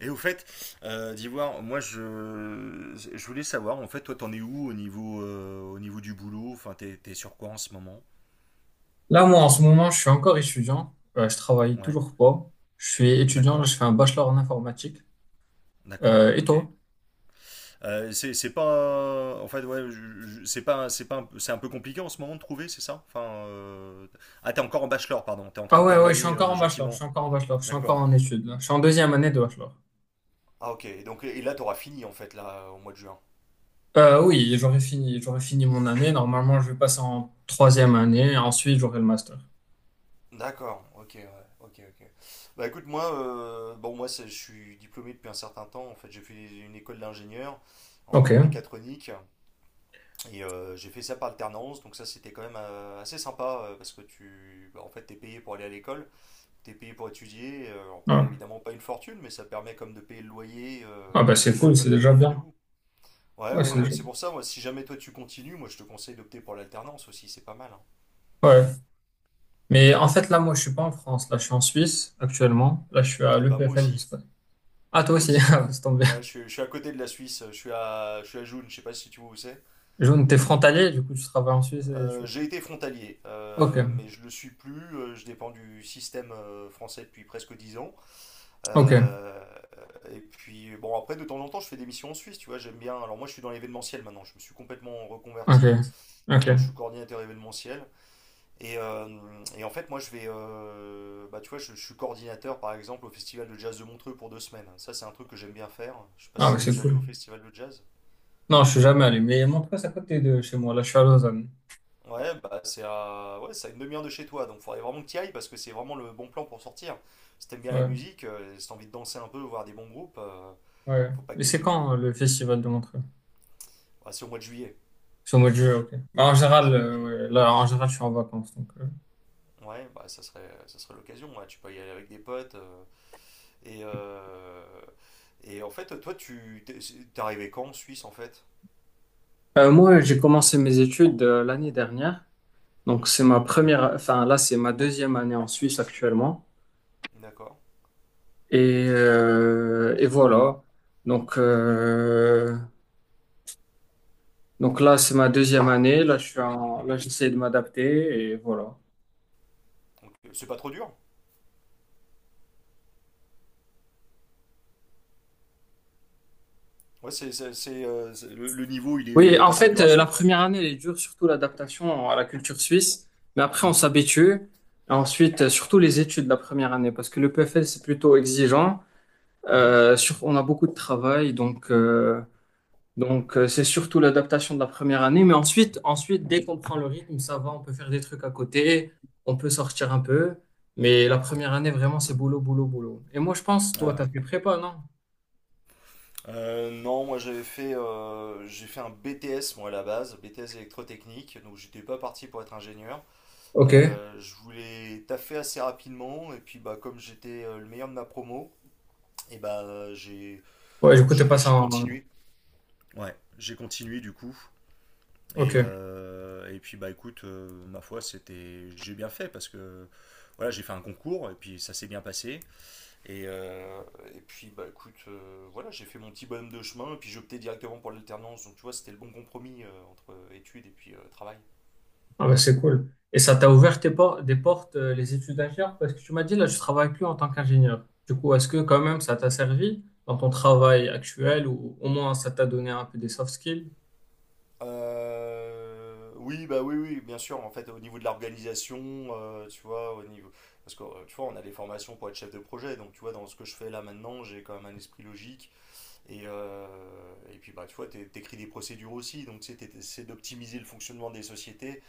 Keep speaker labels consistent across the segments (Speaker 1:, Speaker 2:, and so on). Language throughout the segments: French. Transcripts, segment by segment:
Speaker 1: Et au fait, d'Ivoire, moi je voulais savoir, en fait, toi t'en es où au niveau du boulot? Enfin, t'es sur quoi en ce moment?
Speaker 2: Là, moi, en ce moment, je suis encore étudiant. Je travaille
Speaker 1: Ouais,
Speaker 2: toujours pas. Je suis étudiant, là,
Speaker 1: d'accord,
Speaker 2: je fais un bachelor en informatique.
Speaker 1: d'accord,
Speaker 2: Et
Speaker 1: ok.
Speaker 2: toi?
Speaker 1: C'est pas. En fait, ouais, c'est pas, un- c'est un peu compliqué en ce moment de trouver, c'est ça? Enfin, euh, ah, t'es encore en bachelor, pardon, t'es en
Speaker 2: Ah
Speaker 1: train de
Speaker 2: ouais, ouais, je suis
Speaker 1: terminer
Speaker 2: encore en bachelor, je
Speaker 1: gentiment.
Speaker 2: suis encore en bachelor, je suis encore
Speaker 1: D'accord.
Speaker 2: en études, là. Je suis en deuxième année de bachelor.
Speaker 1: Ah, ok, donc et là t'auras fini en fait, là, au mois de juin.
Speaker 2: Oui, j'aurais fini mon année. Normalement, je vais passer en troisième année et ensuite, j'aurai le master.
Speaker 1: D'accord, ok, ouais, ok, ok. Bah écoute, moi, bon, moi, je suis diplômé depuis un certain temps. En fait, j'ai fait une école d'ingénieur
Speaker 2: Ok.
Speaker 1: en mécatronique et j'ai fait ça par alternance. Donc ça, c'était quand même assez sympa parce que bah, en fait, t'es payé pour aller à l'école, t'es payé pour étudier. Alors, après,
Speaker 2: Ah,
Speaker 1: évidemment, pas une fortune, mais ça permet comme de payer le loyer,
Speaker 2: Ah, bah,
Speaker 1: et
Speaker 2: c'est
Speaker 1: puis tu
Speaker 2: cool,
Speaker 1: vois,
Speaker 2: c'est
Speaker 1: de
Speaker 2: déjà
Speaker 1: joindre les deux
Speaker 2: bien.
Speaker 1: bouts. Ouais,
Speaker 2: Ouais,
Speaker 1: ouais,
Speaker 2: c'est
Speaker 1: bah
Speaker 2: déjà...
Speaker 1: c'est pour ça. Moi, si jamais toi tu continues, moi, je te conseille d'opter pour l'alternance aussi. C'est pas mal, hein.
Speaker 2: Ouais. Mais en fait, là, moi, je suis pas en France. Là, je suis en Suisse, actuellement. Là, je suis à
Speaker 1: Et bah moi
Speaker 2: l'EPFL, je
Speaker 1: aussi.
Speaker 2: sais pas. Ah, toi
Speaker 1: Moi
Speaker 2: aussi,
Speaker 1: aussi.
Speaker 2: Ah, c'est tombé.
Speaker 1: Ouais, je suis à côté de la Suisse, je suis à Joune, je sais pas si tu vois où c'est.
Speaker 2: Jaune, t'es frontalier, du coup, tu travailles en Suisse et tu...
Speaker 1: J'ai été frontalier,
Speaker 2: Ok,
Speaker 1: mais je le suis plus, je dépends du système français depuis presque 10 ans.
Speaker 2: ok,
Speaker 1: Euh, et puis, bon, après, de temps en temps, je fais des missions en Suisse, tu vois, j'aime bien. Alors, moi, je suis dans l'événementiel maintenant, je me suis complètement
Speaker 2: ok,
Speaker 1: reconverti, je suis
Speaker 2: ok.
Speaker 1: coordinateur événementiel. Et, euh, et en fait, moi, bah, tu vois, je suis coordinateur, par exemple, au Festival de Jazz de Montreux pour 2 semaines. Ça, c'est un truc que j'aime bien faire. Je sais pas
Speaker 2: Ah, mais
Speaker 1: si t'es
Speaker 2: c'est
Speaker 1: déjà allé
Speaker 2: cool.
Speaker 1: au Festival de Jazz.
Speaker 2: Non, je suis jamais allé, mais Montreux, c'est à côté de chez moi. Là, je suis à Lausanne.
Speaker 1: Ouais, bah c'est à une demi-heure de chez toi, donc faudrait vraiment que tu y ailles parce que c'est vraiment le bon plan pour sortir. Si t'aimes bien la
Speaker 2: Ouais,
Speaker 1: musique, si t'as envie de danser un peu, voir des bons groupes,
Speaker 2: ouais.
Speaker 1: faut pas que
Speaker 2: Mais c'est
Speaker 1: t'hésites, hein.
Speaker 2: quand le festival de Montreux?
Speaker 1: Bah, c'est au mois de juillet.
Speaker 2: C'est au mois de juillet, ok. Bah, en général,
Speaker 1: C'est au mois de
Speaker 2: euh,
Speaker 1: juillet.
Speaker 2: ouais, là, en général, je suis en vacances, donc. euh,
Speaker 1: Ouais, bah ça serait l'occasion, ouais. Tu peux y aller avec des potes. Et, euh, et en fait, toi, tu t'es t'es arrivé quand en Suisse, en fait?
Speaker 2: Euh, moi, j'ai commencé mes études l'année dernière. Donc,
Speaker 1: Mhm.
Speaker 2: c'est ma première, enfin, là, c'est ma deuxième année en Suisse actuellement.
Speaker 1: D'accord.
Speaker 2: Et voilà. Donc, euh, donc là, c'est ma deuxième année. Là, j'essaie de m'adapter et voilà.
Speaker 1: Donc, c'est pas trop dur? Ouais, le niveau, il est,
Speaker 2: Oui,
Speaker 1: il est
Speaker 2: en
Speaker 1: pas trop
Speaker 2: fait,
Speaker 1: dur à
Speaker 2: la
Speaker 1: suivre.
Speaker 2: première année, elle est dure, surtout l'adaptation à la culture suisse. Mais après, on
Speaker 1: Mhm.
Speaker 2: s'habitue. Ensuite, surtout les études de la première année, parce que le PFL, c'est plutôt exigeant.
Speaker 1: Mhm.
Speaker 2: On a beaucoup de travail, donc c'est surtout l'adaptation de la première année. Mais ensuite, ensuite, dès qu'on prend le rythme, ça va, on peut faire des trucs à côté, on peut sortir un peu. Mais la première année, vraiment, c'est boulot, boulot, boulot. Et moi, je pense, toi,
Speaker 1: Ah
Speaker 2: t'as
Speaker 1: ouais.
Speaker 2: fait prépa, non?
Speaker 1: Non, moi j'ai fait un BTS moi à la base, BTS électrotechnique, donc j'étais pas parti pour être ingénieur.
Speaker 2: Ok.
Speaker 1: Je voulais taffer assez rapidement et puis bah comme j'étais le meilleur de ma promo, et bah j'ai
Speaker 2: Ouais, du coup, t'es
Speaker 1: j'ai
Speaker 2: passé
Speaker 1: j'ai
Speaker 2: en...
Speaker 1: continué. Ouais, j'ai continué du coup. Et,
Speaker 2: Ok.
Speaker 1: euh, et puis bah écoute, ma foi c'était j'ai bien fait parce que voilà j'ai fait un concours et puis ça s'est bien passé. Et, euh, et puis, bah écoute, voilà, j'ai fait mon petit bonhomme de chemin, et puis j'ai opté directement pour l'alternance. Donc, tu vois, c'était le bon compromis entre études et puis travail.
Speaker 2: Ah bah c'est cool. Et ça t'a ouvert des portes, les études d'ingénieur, parce que tu m'as dit, là, je travaille plus en tant qu'ingénieur. Du coup, est-ce que quand même ça t'a servi dans ton travail actuel ou au moins ça t'a donné un peu des soft skills?
Speaker 1: Oui, bah oui, oui, bien sûr. En fait, au niveau de l'organisation, tu vois, au niveau. Parce que, tu vois, on a des formations pour être chef de projet. Donc, tu vois, dans ce que je fais là maintenant, j'ai quand même un esprit logique. Et puis, bah, tu vois, t'écris des procédures aussi. Donc, tu sais, t'essaies d'optimiser le fonctionnement des sociétés.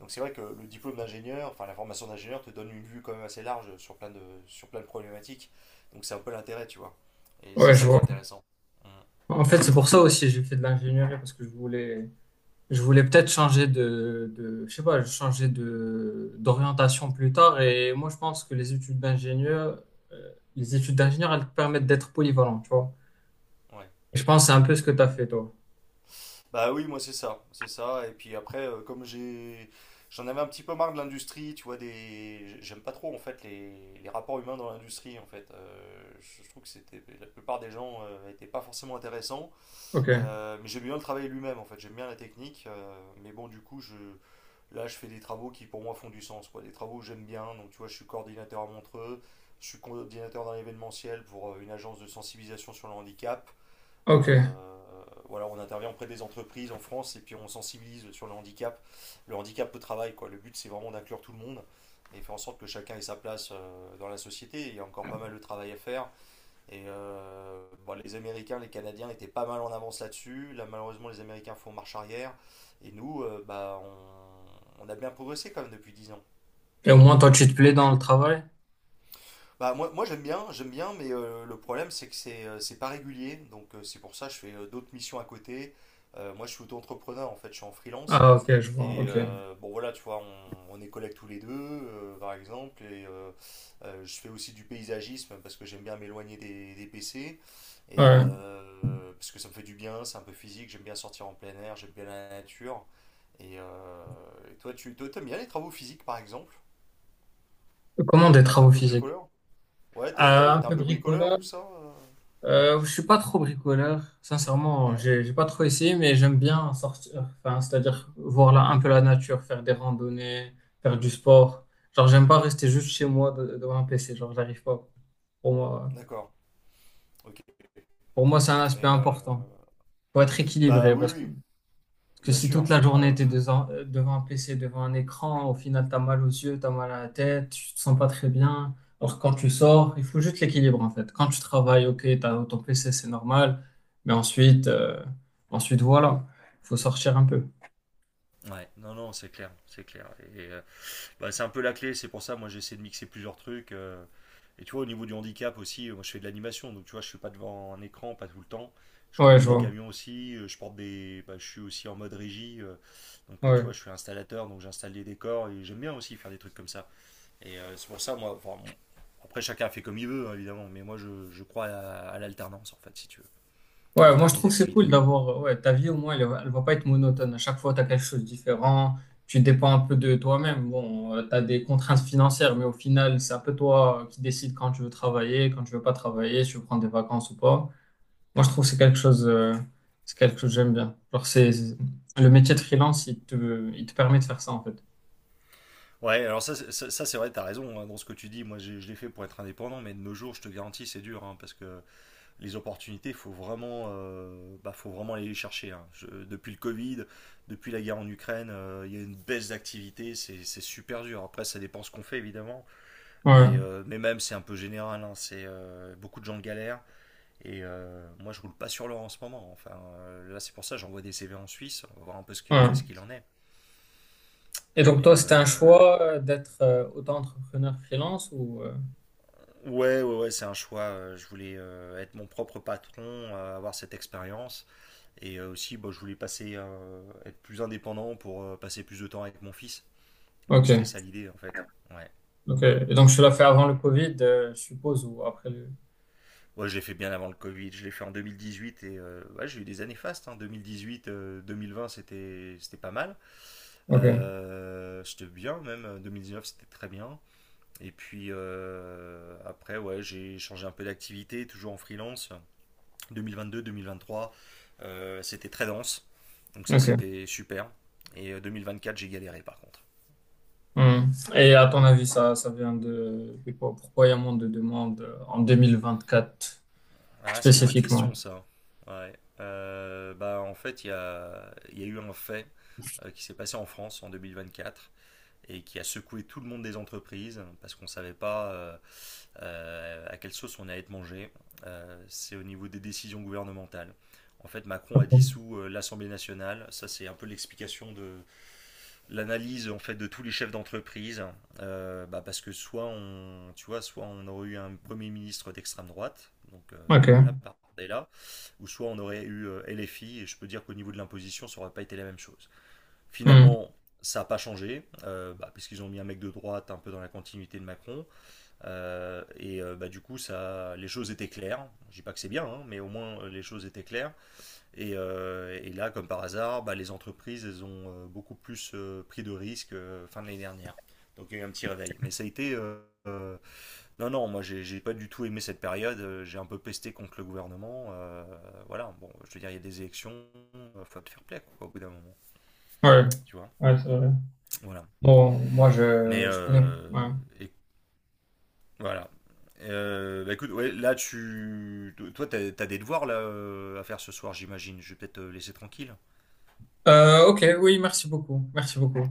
Speaker 1: Donc c'est vrai que le diplôme d'ingénieur, enfin la formation d'ingénieur te donne une vue quand même assez large sur plein de problématiques. Donc c'est un peu l'intérêt, tu vois. Et c'est
Speaker 2: Ouais, je
Speaker 1: ça qui est
Speaker 2: vois.
Speaker 1: intéressant. Mm.
Speaker 2: En fait, c'est pour ça aussi j'ai fait de l'ingénierie parce que je voulais peut-être changer je sais pas, changer d'orientation plus tard. Et moi, je pense que les études d'ingénieur, les études d'ingénieur, elles te permettent d'être polyvalent, tu vois.
Speaker 1: Ouais.
Speaker 2: Et je pense que c'est un peu ce que tu as fait, toi.
Speaker 1: Bah oui, moi c'est ça, c'est ça. Et puis après, j'en avais un petit peu marre de l'industrie, tu vois, j'aime pas trop en fait les rapports humains dans l'industrie en fait. Je trouve que c'était la plupart des gens n'étaient pas forcément intéressants.
Speaker 2: Ok,
Speaker 1: Mais j'aime bien le travail lui-même en fait. J'aime bien la technique. Mais bon, du coup, je là, je fais des travaux qui pour moi font du sens, quoi. Des travaux que j'aime bien. Donc, tu vois, je suis coordinateur à Montreux, je suis coordinateur dans l'événementiel pour une agence de sensibilisation sur le handicap.
Speaker 2: ok.
Speaker 1: Euh, voilà, on intervient auprès des entreprises en France et puis on sensibilise sur le handicap au travail, quoi. Le but, c'est vraiment d'inclure tout le monde et faire en sorte que chacun ait sa place dans la société. Il y a encore pas mal de travail à faire. Et euh, bon, les Américains, les Canadiens étaient pas mal en avance là-dessus. Là, malheureusement, les Américains font marche arrière. Et nous, bah, on a bien progressé quand même depuis 10 ans.
Speaker 2: Et au moins, toi, tu te plais dans le travail?
Speaker 1: Bah, moi j'aime bien, mais le problème, c'est que c'est pas régulier. Donc, c'est pour ça que je fais d'autres missions à côté. Moi, je suis auto-entrepreneur, en fait, je suis en freelance.
Speaker 2: Ah, ok, je vois, ok.
Speaker 1: Bon voilà, tu vois, on est collègues tous les deux, par exemple, je fais aussi du paysagisme parce que j'aime bien m'éloigner des PC,
Speaker 2: Ouais.
Speaker 1: parce que ça me fait du bien, c'est un peu physique, j'aime bien sortir en plein air, j'aime bien la nature. Et, euh, et toi, tu toi, t'aimes bien les travaux physiques, par exemple?
Speaker 2: Comment des
Speaker 1: Ouais, t'es un
Speaker 2: travaux
Speaker 1: peu
Speaker 2: physiques?
Speaker 1: bricoleur? Ouais,
Speaker 2: Un
Speaker 1: t'es un
Speaker 2: peu
Speaker 1: peu bricoleur,
Speaker 2: bricoleur.
Speaker 1: tout ça?
Speaker 2: Je suis pas trop bricoleur, sincèrement.
Speaker 1: Ouais,
Speaker 2: J'ai pas trop essayé, mais j'aime bien sortir. Enfin, c'est-à-dire voir là, un peu la nature, faire des randonnées, faire du sport. Genre, j'aime pas rester juste chez moi devant un PC. Genre, j'arrive pas. Pour moi,
Speaker 1: d'accord, ok.
Speaker 2: pour moi, c'est un aspect
Speaker 1: Et euh,
Speaker 2: important. Faut être
Speaker 1: Bah
Speaker 2: équilibré
Speaker 1: oui,
Speaker 2: parce que
Speaker 1: oui,
Speaker 2: que
Speaker 1: bien
Speaker 2: si toute
Speaker 1: sûr.
Speaker 2: la journée,
Speaker 1: Bah,
Speaker 2: tu es devant un PC, devant un écran, au final, tu as mal aux yeux, tu as mal à la tête, tu te sens pas très bien. Alors, quand tu sors, il faut juste l'équilibre, en fait. Quand tu travailles, ok, t'as as ton PC, c'est normal. Mais ensuite, voilà, faut sortir un peu.
Speaker 1: ouais, non, non, c'est clair, c'est clair. Bah, c'est un peu la clé, c'est pour ça, moi j'essaie de mixer plusieurs trucs. Et tu vois, au niveau du handicap aussi, moi je fais de l'animation, donc tu vois, je suis pas devant un écran, pas tout le temps. Je
Speaker 2: Ouais,
Speaker 1: conduis
Speaker 2: je
Speaker 1: des
Speaker 2: vois.
Speaker 1: camions aussi, je porte des. Bah, je suis aussi en mode régie, donc tu
Speaker 2: Ouais.
Speaker 1: vois, je suis installateur, donc j'installe des décors et j'aime bien aussi faire des trucs comme ça. C'est pour ça, moi, enfin, bon, après chacun fait comme il veut, hein, évidemment, mais moi je crois à l'alternance en fait, si tu veux,
Speaker 2: Ouais, moi je
Speaker 1: alterner les
Speaker 2: trouve que c'est cool
Speaker 1: activités.
Speaker 2: d'avoir, ouais, ta vie au moins elle va pas être monotone. À chaque fois, tu as quelque chose de différent, tu dépends un peu de toi-même. Bon, tu as des contraintes financières, mais au final, c'est un peu toi qui décides quand tu veux travailler, quand tu veux pas travailler, si tu veux prendre des vacances ou pas. Moi je trouve que c'est quelque chose, c'est quelque chose que j'aime bien. Le métier de freelance, il te permet de faire ça en fait.
Speaker 1: Ouais, alors ça, c'est- ça, c'est vrai, t'as raison, hein, dans ce que tu dis. Moi, je l'ai fait pour être indépendant, mais de nos jours, je te garantis, c'est dur, hein, parce que les opportunités, il faut vraiment, bah, faut vraiment aller les chercher, hein. Depuis le Covid, depuis la guerre en Ukraine, il y a une baisse d'activité, c'est super dur. Après, ça dépend ce qu'on fait évidemment,
Speaker 2: Ouais,
Speaker 1: mais même c'est un peu général, hein. C'est beaucoup de gens galèrent et moi je roule pas sur l'or en ce moment. Enfin, là c'est pour ça que j'envoie des CV en Suisse, on va voir un peu ce ce
Speaker 2: ouais.
Speaker 1: qu'il en est.
Speaker 2: Et donc toi, c'était un
Speaker 1: Ouais.
Speaker 2: choix d'être auto-entrepreneur freelance ou...
Speaker 1: Ouais, ouais, ouais, c'est un choix. Je voulais être mon propre patron, avoir cette expérience. Aussi, bah, être plus indépendant pour passer plus de temps avec mon fils. Donc c'était
Speaker 2: Ok.
Speaker 1: ça l'idée en fait. Ouais.
Speaker 2: Ok. Et donc, tu l'as fait
Speaker 1: Et
Speaker 2: avant
Speaker 1: euh,
Speaker 2: le Covid, je suppose, ou après le...
Speaker 1: ouais, je l'ai fait bien avant le Covid. Je l'ai fait en 2018 ouais, j'ai eu des années fastes. Hein. 2018, 2020 c'était pas mal.
Speaker 2: Ok.
Speaker 1: C'était bien même. 2019 c'était très bien. Et puis après, ouais, j'ai changé un peu d'activité, toujours en freelance. 2022, 2023, c'était très dense. Donc ça,
Speaker 2: Ok.
Speaker 1: c'était super. 2024 j'ai galéré par contre.
Speaker 2: Hmm. Et à ton avis, ça vient de quoi- Pourquoi il y a moins de demandes en 2024
Speaker 1: Ah, c'est une bonne
Speaker 2: spécifiquement?
Speaker 1: question ça. Ouais. Bah, en fait, il y a eu un fait qui s'est passé en France en 2024 et qui a secoué tout le monde des entreprises parce qu'on ne savait pas à quelle sauce on allait être mangé. C'est au niveau des décisions gouvernementales. En fait, Macron a dissous l'Assemblée nationale. Ça, c'est un peu l'explication l'analyse en fait de tous les chefs d'entreprise, bah, parce que soit on tu vois, soit on aurait eu un premier ministre d'extrême droite donc voilà
Speaker 2: Ok.
Speaker 1: Bardella, ou soit on aurait eu LFI et je peux dire qu'au niveau de l'imposition ça aurait pas été la même chose.
Speaker 2: Hmm.
Speaker 1: Finalement ça n'a pas changé, bah, parce qu'ils ont mis un mec de droite un peu dans la continuité de Macron. Bah, du coup, ça, les choses étaient claires. Je dis pas que c'est bien, hein, mais au moins les choses étaient claires. Et là, comme par hasard, bah, les entreprises elles ont beaucoup plus pris de risques fin de l'année dernière. Donc il y a eu un petit réveil. Mais ça a été. Euh, non, non, moi j'ai pas du tout aimé cette période. J'ai un peu pesté contre le gouvernement. Voilà, bon, je veux dire, il y a des élections. Il faut te faire plaisir, quoi, au bout d'un moment.
Speaker 2: Ouais.
Speaker 1: Tu vois.
Speaker 2: Ouais, c'est vrai.
Speaker 1: Voilà.
Speaker 2: Bon, moi,
Speaker 1: Mais.
Speaker 2: je connais.
Speaker 1: euh,
Speaker 2: Ouais.
Speaker 1: et, voilà. Bah écoute, ouais, là, tu. Toi, t'as as des devoirs là, à faire ce soir, j'imagine. Je vais peut-être te laisser tranquille.
Speaker 2: Ok, oui, merci beaucoup. Merci beaucoup.